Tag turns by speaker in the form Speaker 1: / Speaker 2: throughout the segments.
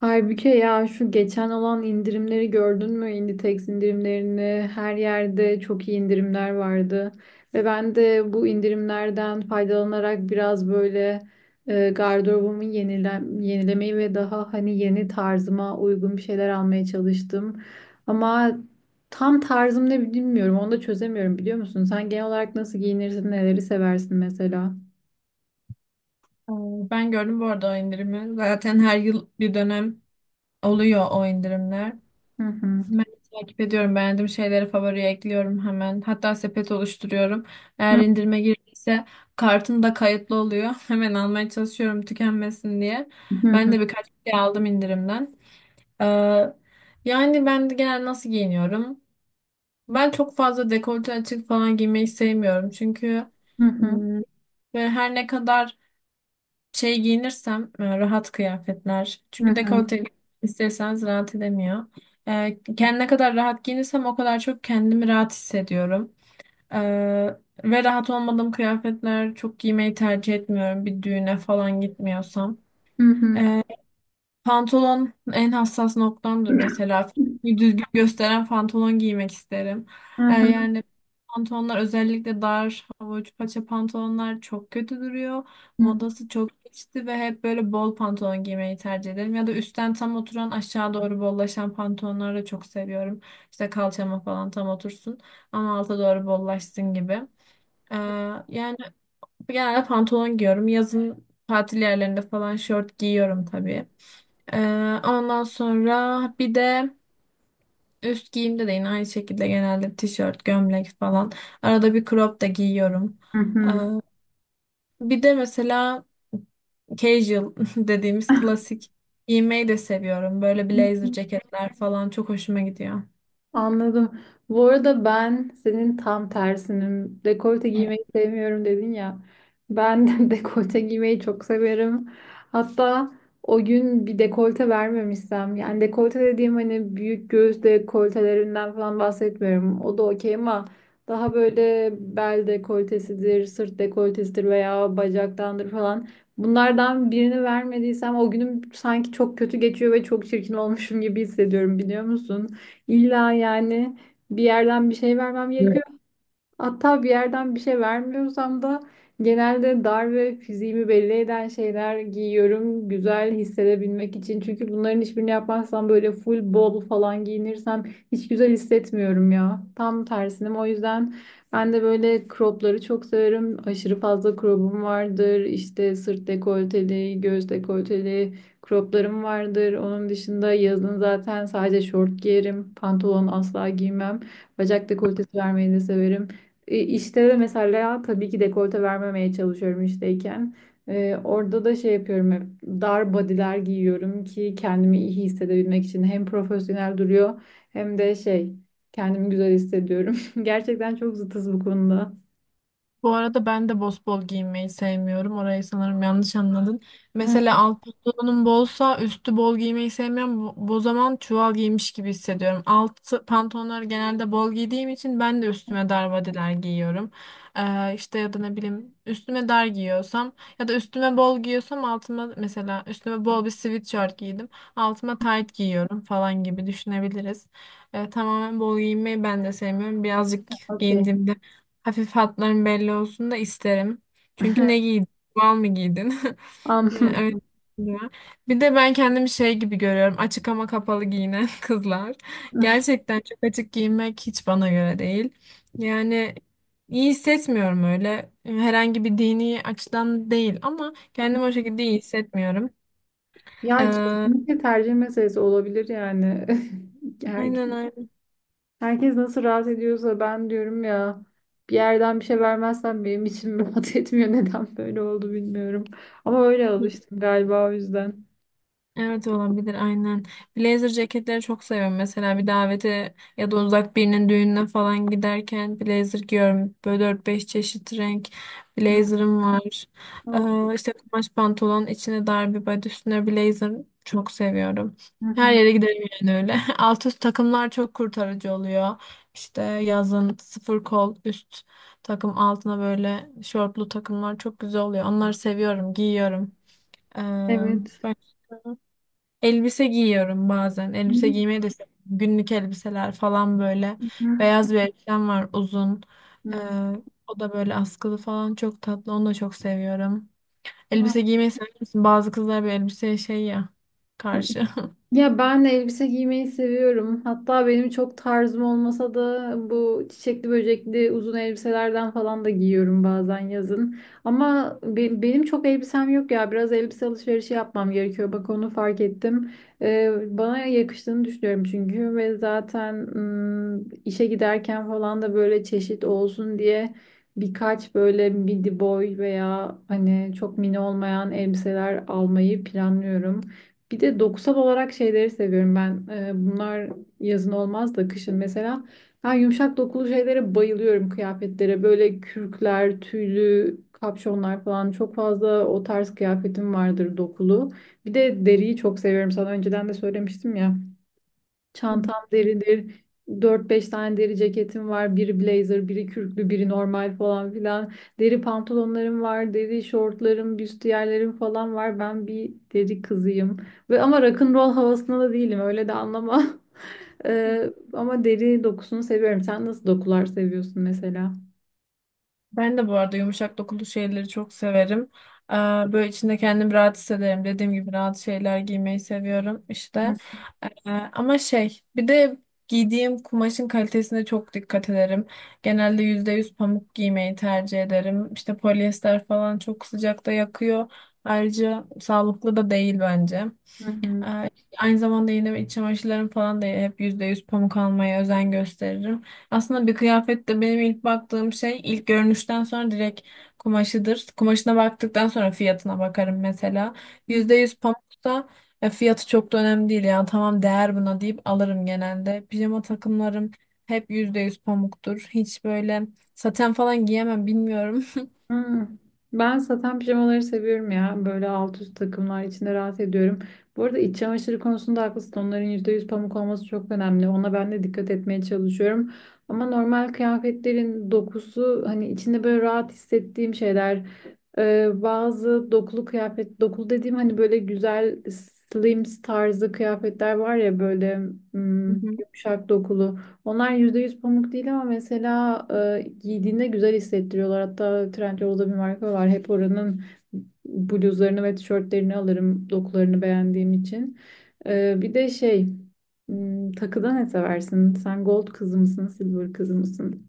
Speaker 1: Halbuki ya şu geçen olan indirimleri gördün mü? Inditex indirimlerini her yerde çok iyi indirimler vardı. Ve ben de bu indirimlerden faydalanarak biraz böyle gardırobumu yenilemeyi ve daha hani yeni tarzıma uygun bir şeyler almaya çalıştım. Ama tam tarzım ne bilmiyorum. Onu da çözemiyorum biliyor musun? Sen genel olarak nasıl giyinirsin, neleri seversin mesela?
Speaker 2: Ee, Ben gördüm bu arada o indirimi. Zaten her yıl bir dönem oluyor o indirimler.
Speaker 1: Hı. Hı
Speaker 2: Ben takip ediyorum. Beğendiğim şeyleri favoriye ekliyorum hemen. Hatta sepet oluşturuyorum. Eğer
Speaker 1: hı,
Speaker 2: indirime girdiyse kartım da kayıtlı oluyor. Hemen almaya çalışıyorum tükenmesin diye.
Speaker 1: hı
Speaker 2: Ben
Speaker 1: hı,
Speaker 2: de birkaç şey aldım indirimden. Ee, yani ben de genel nasıl giyiniyorum? Ben çok fazla dekolte açık falan giymeyi sevmiyorum. Çünkü
Speaker 1: hı hı,
Speaker 2: ım, ve her ne kadar şey giyinirsem rahat kıyafetler.
Speaker 1: hı
Speaker 2: Çünkü
Speaker 1: hı.
Speaker 2: dekolte isterseniz rahat edemiyor. E, Ne kadar rahat giyinirsem o kadar çok kendimi rahat hissediyorum. E, Ve rahat olmadığım kıyafetler çok giymeyi tercih etmiyorum bir düğüne falan gitmiyorsam.
Speaker 1: Hı hı.
Speaker 2: E, Pantolon en hassas noktamdır mesela.
Speaker 1: Hı.
Speaker 2: Bir düzgün gösteren pantolon giymek isterim.
Speaker 1: Hı hı,
Speaker 2: Yani pantolonlar özellikle dar, hava uç paça pantolonlar çok kötü duruyor.
Speaker 1: hı
Speaker 2: Modası çok geçti ve hep böyle bol pantolon giymeyi tercih ederim. Ya da üstten tam oturan aşağı doğru bollaşan pantolonları da çok seviyorum. İşte kalçama falan tam otursun ama alta doğru bollaşsın gibi. Ee, yani genelde pantolon giyiyorum. Yazın tatil yerlerinde falan şort giyiyorum tabii. Ondan sonra bir de üst giyimde de yine aynı şekilde genelde tişört, gömlek falan. Arada bir crop da giyiyorum. Ee,
Speaker 1: hı,
Speaker 2: bir de mesela casual dediğimiz
Speaker 1: hı
Speaker 2: klasik giymeyi de seviyorum. Böyle
Speaker 1: hı.
Speaker 2: blazer ceketler falan çok hoşuma gidiyor.
Speaker 1: Anladım. Bu arada ben senin tam tersinim. Dekolte giymeyi sevmiyorum dedin ya. Ben de dekolte giymeyi çok severim. Hatta o gün bir dekolte vermemişsem, yani dekolte dediğim hani büyük göğüs dekoltelerinden falan bahsetmiyorum. O da okey ama daha böyle bel dekoltesidir, sırt dekoltesidir veya bacaktandır falan. Bunlardan birini vermediysem o günüm sanki çok kötü geçiyor ve çok çirkin olmuşum gibi hissediyorum biliyor musun? İlla yani bir yerden bir şey vermem gerekiyor. Hatta bir yerden bir şey vermiyorsam da genelde dar ve fiziğimi belli eden şeyler giyiyorum güzel hissedebilmek için. Çünkü bunların hiçbirini yapmazsam böyle full bol falan giyinirsem hiç güzel hissetmiyorum ya. Tam tersinim. O yüzden ben de böyle cropları çok severim. Aşırı fazla crop'um vardır. İşte sırt dekolteli, göğüs dekolteli croplarım vardır. Onun dışında yazın zaten sadece şort giyerim. Pantolon asla giymem. Bacak dekoltesi vermeyi de severim. İşte de mesela tabii ki dekolte vermemeye çalışıyorum işteyken. Orada da şey yapıyorum, hep dar body'ler giyiyorum ki kendimi iyi hissedebilmek için. Hem profesyonel duruyor hem de şey, kendimi güzel hissediyorum. Gerçekten çok zıtız bu konuda.
Speaker 2: Bu arada ben de bosbol giymeyi sevmiyorum. Orayı sanırım yanlış anladın.
Speaker 1: Heh.
Speaker 2: Mesela alt pantolonum bolsa üstü bol giymeyi sevmiyorum. Bu zaman çuval giymiş gibi hissediyorum. Alt pantolonları genelde bol giydiğim için ben de üstüme darvadeler giyiyorum. İşte ya da ne bileyim üstüme dar giyiyorsam ya da üstüme bol giyiyorsam altıma mesela üstüme bol bir sweatshirt giydim. Altıma tight giyiyorum falan gibi düşünebiliriz. Tamamen bol giymeyi ben de sevmiyorum. Birazcık
Speaker 1: Okey.
Speaker 2: giyindiğimde hafif hatların belli olsun da isterim. Çünkü ne giydin? Mal mı giydin? Yani öyle
Speaker 1: Anladım.
Speaker 2: diyor. Bir de ben kendimi şey gibi görüyorum. Açık ama kapalı giyinen kızlar. Gerçekten çok açık giyinmek hiç bana göre değil. Yani iyi hissetmiyorum öyle. Herhangi bir dini açıdan değil ama kendimi o şekilde iyi hissetmiyorum.
Speaker 1: Ya
Speaker 2: Ee,
Speaker 1: kesinlikle tercih meselesi olabilir yani. Her
Speaker 2: aynen aynen.
Speaker 1: Herkes nasıl rahat ediyorsa, ben diyorum ya, bir yerden bir şey vermezsen benim içim rahat etmiyor. Neden böyle oldu bilmiyorum. Ama öyle alıştım galiba, o yüzden.
Speaker 2: Evet olabilir aynen. Blazer ceketleri çok seviyorum. Mesela bir davete ya da uzak birinin düğününe falan giderken blazer giyiyorum. Böyle 4-5 çeşit renk blazer'ım var.
Speaker 1: Evet.
Speaker 2: İşte kumaş pantolon, içine dar bir body, üstüne blazer çok seviyorum.
Speaker 1: Hı
Speaker 2: Her
Speaker 1: hı.
Speaker 2: yere giderim yani öyle. Alt üst takımlar çok kurtarıcı oluyor. İşte yazın sıfır kol üst takım altına böyle şortlu takımlar çok güzel oluyor. Onları seviyorum, giyiyorum. Ee,
Speaker 1: Evet.
Speaker 2: Elbise giyiyorum bazen.
Speaker 1: Hı
Speaker 2: Elbise
Speaker 1: hı.
Speaker 2: giymeyi de seviyorum. Günlük elbiseler falan böyle. Beyaz bir elbisem var uzun. Ee,
Speaker 1: Hı.
Speaker 2: o da böyle askılı falan çok tatlı. Onu da çok seviyorum. Elbise giymeyi sever misin? Bazı kızlar bir elbiseye şey ya
Speaker 1: Hı.
Speaker 2: karşı.
Speaker 1: Ya ben de elbise giymeyi seviyorum. Hatta benim çok tarzım olmasa da bu çiçekli böcekli uzun elbiselerden falan da giyiyorum bazen yazın. Ama benim çok elbisem yok ya. Biraz elbise alışverişi yapmam gerekiyor. Bak onu fark ettim. Ee, Bana yakıştığını düşünüyorum çünkü, ve zaten işe giderken falan da böyle çeşit olsun diye birkaç böyle midi boy veya hani çok mini olmayan elbiseler almayı planlıyorum. Bir de dokusal olarak şeyleri seviyorum ben. Bunlar yazın olmaz da kışın mesela. Ben yumuşak dokulu şeylere bayılıyorum, kıyafetlere. Böyle kürkler, tüylü kapşonlar falan, çok fazla o tarz kıyafetim vardır, dokulu. Bir de deriyi çok seviyorum. Sana önceden de söylemiştim ya. Çantam deridir. Dört beş tane deri ceketim var. Biri blazer, biri kürklü, biri normal falan filan. Deri pantolonlarım var, deri şortlarım, büstiyerlerim falan var. Ben bir deri kızıyım. Ve ama rock'n'roll havasında da değilim. Öyle de anlama. Ama deri dokusunu seviyorum. Sen nasıl dokular seviyorsun mesela?
Speaker 2: Ben de bu arada yumuşak dokulu şeyleri çok severim. Ee, Böyle içinde kendimi rahat hissederim. Dediğim gibi rahat şeyler giymeyi seviyorum işte. Ama şey bir de giydiğim kumaşın kalitesine çok dikkat ederim. Genelde %100 pamuk giymeyi tercih ederim. İşte polyester falan çok sıcakta yakıyor. Ayrıca sağlıklı da değil bence.
Speaker 1: Hı
Speaker 2: Ee, Aynı zamanda yine iç çamaşırlarım falan da hep %100 pamuk almaya özen gösteririm. Aslında bir kıyafette benim ilk baktığım şey ilk görünüşten sonra direkt kumaşıdır. Kumaşına baktıktan sonra fiyatına bakarım mesela.
Speaker 1: hı.
Speaker 2: Yüzde yüz pamuksa fiyatı çok da önemli değil ya tamam değer buna deyip alırım genelde. Pijama takımlarım hep %100 pamuktur. Hiç böyle saten falan giyemem bilmiyorum.
Speaker 1: Hmm. Ben saten pijamaları seviyorum ya. Böyle alt üst takımlar içinde rahat ediyorum. Bu arada iç çamaşırı konusunda haklısın. Onların %100 pamuk olması çok önemli. Ona ben de dikkat etmeye çalışıyorum. Ama normal kıyafetlerin dokusu, hani içinde böyle rahat hissettiğim şeyler. Bazı dokulu kıyafet, dokulu dediğim hani böyle güzel slims tarzı kıyafetler var ya, böyle hmm, yumuşak dokulu. Onlar %100 pamuk değil ama mesela giydiğinde güzel hissettiriyorlar. Hatta Trendyol'da bir marka var. Hep oranın bluzlarını ve tişörtlerini alırım, dokularını beğendiğim için. Bir de şey, takıda ne seversin? Sen gold kızı mısın, silver kızı mısın?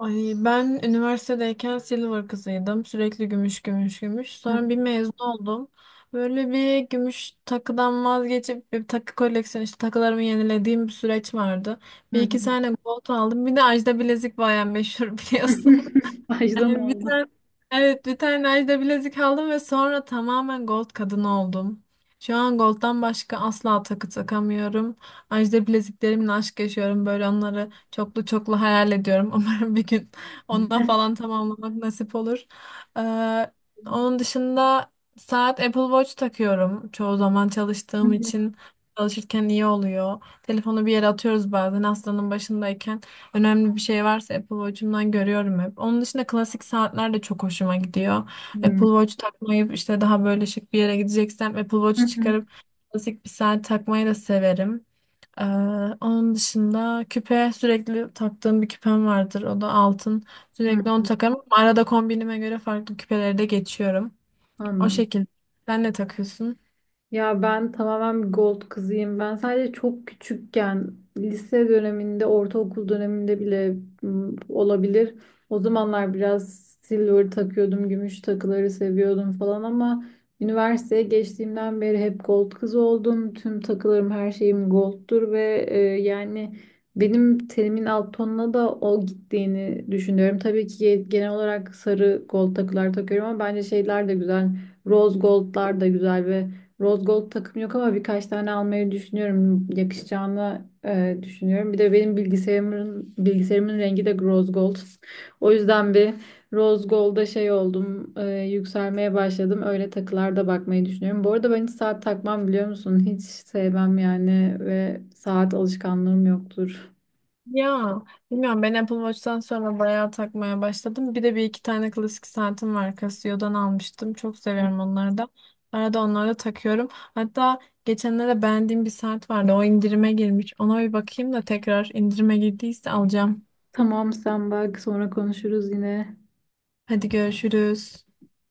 Speaker 2: Ay ben üniversitedeyken silver kızıydım. Sürekli gümüş gümüş gümüş. Sonra bir mezun oldum. Böyle bir gümüş takıdan vazgeçip bir takı koleksiyonu işte takılarımı yenilediğim bir süreç vardı. Bir iki tane gold aldım. Bir de Ajda bilezik bayağı meşhur biliyorsun.
Speaker 1: Ajda mı
Speaker 2: Yani bir
Speaker 1: aldın?
Speaker 2: tane, evet bir tane Ajda bilezik aldım ve sonra tamamen gold kadın oldum. Şu an gold'dan başka asla takı takamıyorum. Ajda bileziklerimle aşk yaşıyorum. Böyle onları çoklu çoklu hayal ediyorum. Umarım bir gün onunla falan tamamlamak nasip olur. Ee, onun dışında saat Apple Watch takıyorum. Çoğu zaman çalıştığım için çalışırken iyi oluyor. Telefonu bir yere atıyoruz bazen hastanın başındayken. Önemli bir şey varsa Apple Watch'umdan görüyorum hep. Onun dışında klasik saatler de çok hoşuma gidiyor.
Speaker 1: Hı,
Speaker 2: Apple Watch takmayıp işte daha böyle şık bir yere gideceksem Apple Watch
Speaker 1: hı,
Speaker 2: çıkarıp klasik bir saat takmayı da severim. Ee, onun dışında küpe sürekli taktığım bir küpem vardır. O da altın.
Speaker 1: hı.
Speaker 2: Sürekli onu takarım ama arada kombinime göre farklı küpeleri de geçiyorum. O
Speaker 1: Anladım.
Speaker 2: şekilde. Sen ne takıyorsun?
Speaker 1: Ya ben tamamen bir gold kızıyım. Ben sadece çok küçükken, lise döneminde, ortaokul döneminde bile olabilir. O zamanlar biraz silver takıyordum, gümüş takıları seviyordum falan, ama üniversiteye geçtiğimden beri hep gold kız oldum. Tüm takılarım, her şeyim goldtur ve yani benim tenimin alt tonuna da o gittiğini düşünüyorum. Tabii ki genel olarak sarı gold takılar takıyorum ama bence şeyler de güzel. Rose goldlar da güzel ve Rose Gold takım yok, ama birkaç tane almayı düşünüyorum. Yakışacağını düşünüyorum. Bir de benim bilgisayarımın rengi de Rose Gold. O yüzden bir Rose Gold'a şey oldum, yükselmeye başladım. Öyle takılarda bakmayı düşünüyorum. Bu arada ben hiç saat takmam biliyor musun? Hiç sevmem yani, ve saat alışkanlığım yoktur.
Speaker 2: Ya bilmiyorum ben Apple Watch'tan sonra bayağı takmaya başladım. Bir de bir iki tane klasik saatim var Casio'dan almıştım. Çok seviyorum onları da. Arada onları da takıyorum. Hatta geçenlerde beğendiğim bir saat vardı. O indirime girmiş. Ona bir bakayım da tekrar indirime girdiyse alacağım.
Speaker 1: Tamam, sen bak, sonra konuşuruz yine.
Speaker 2: Hadi görüşürüz.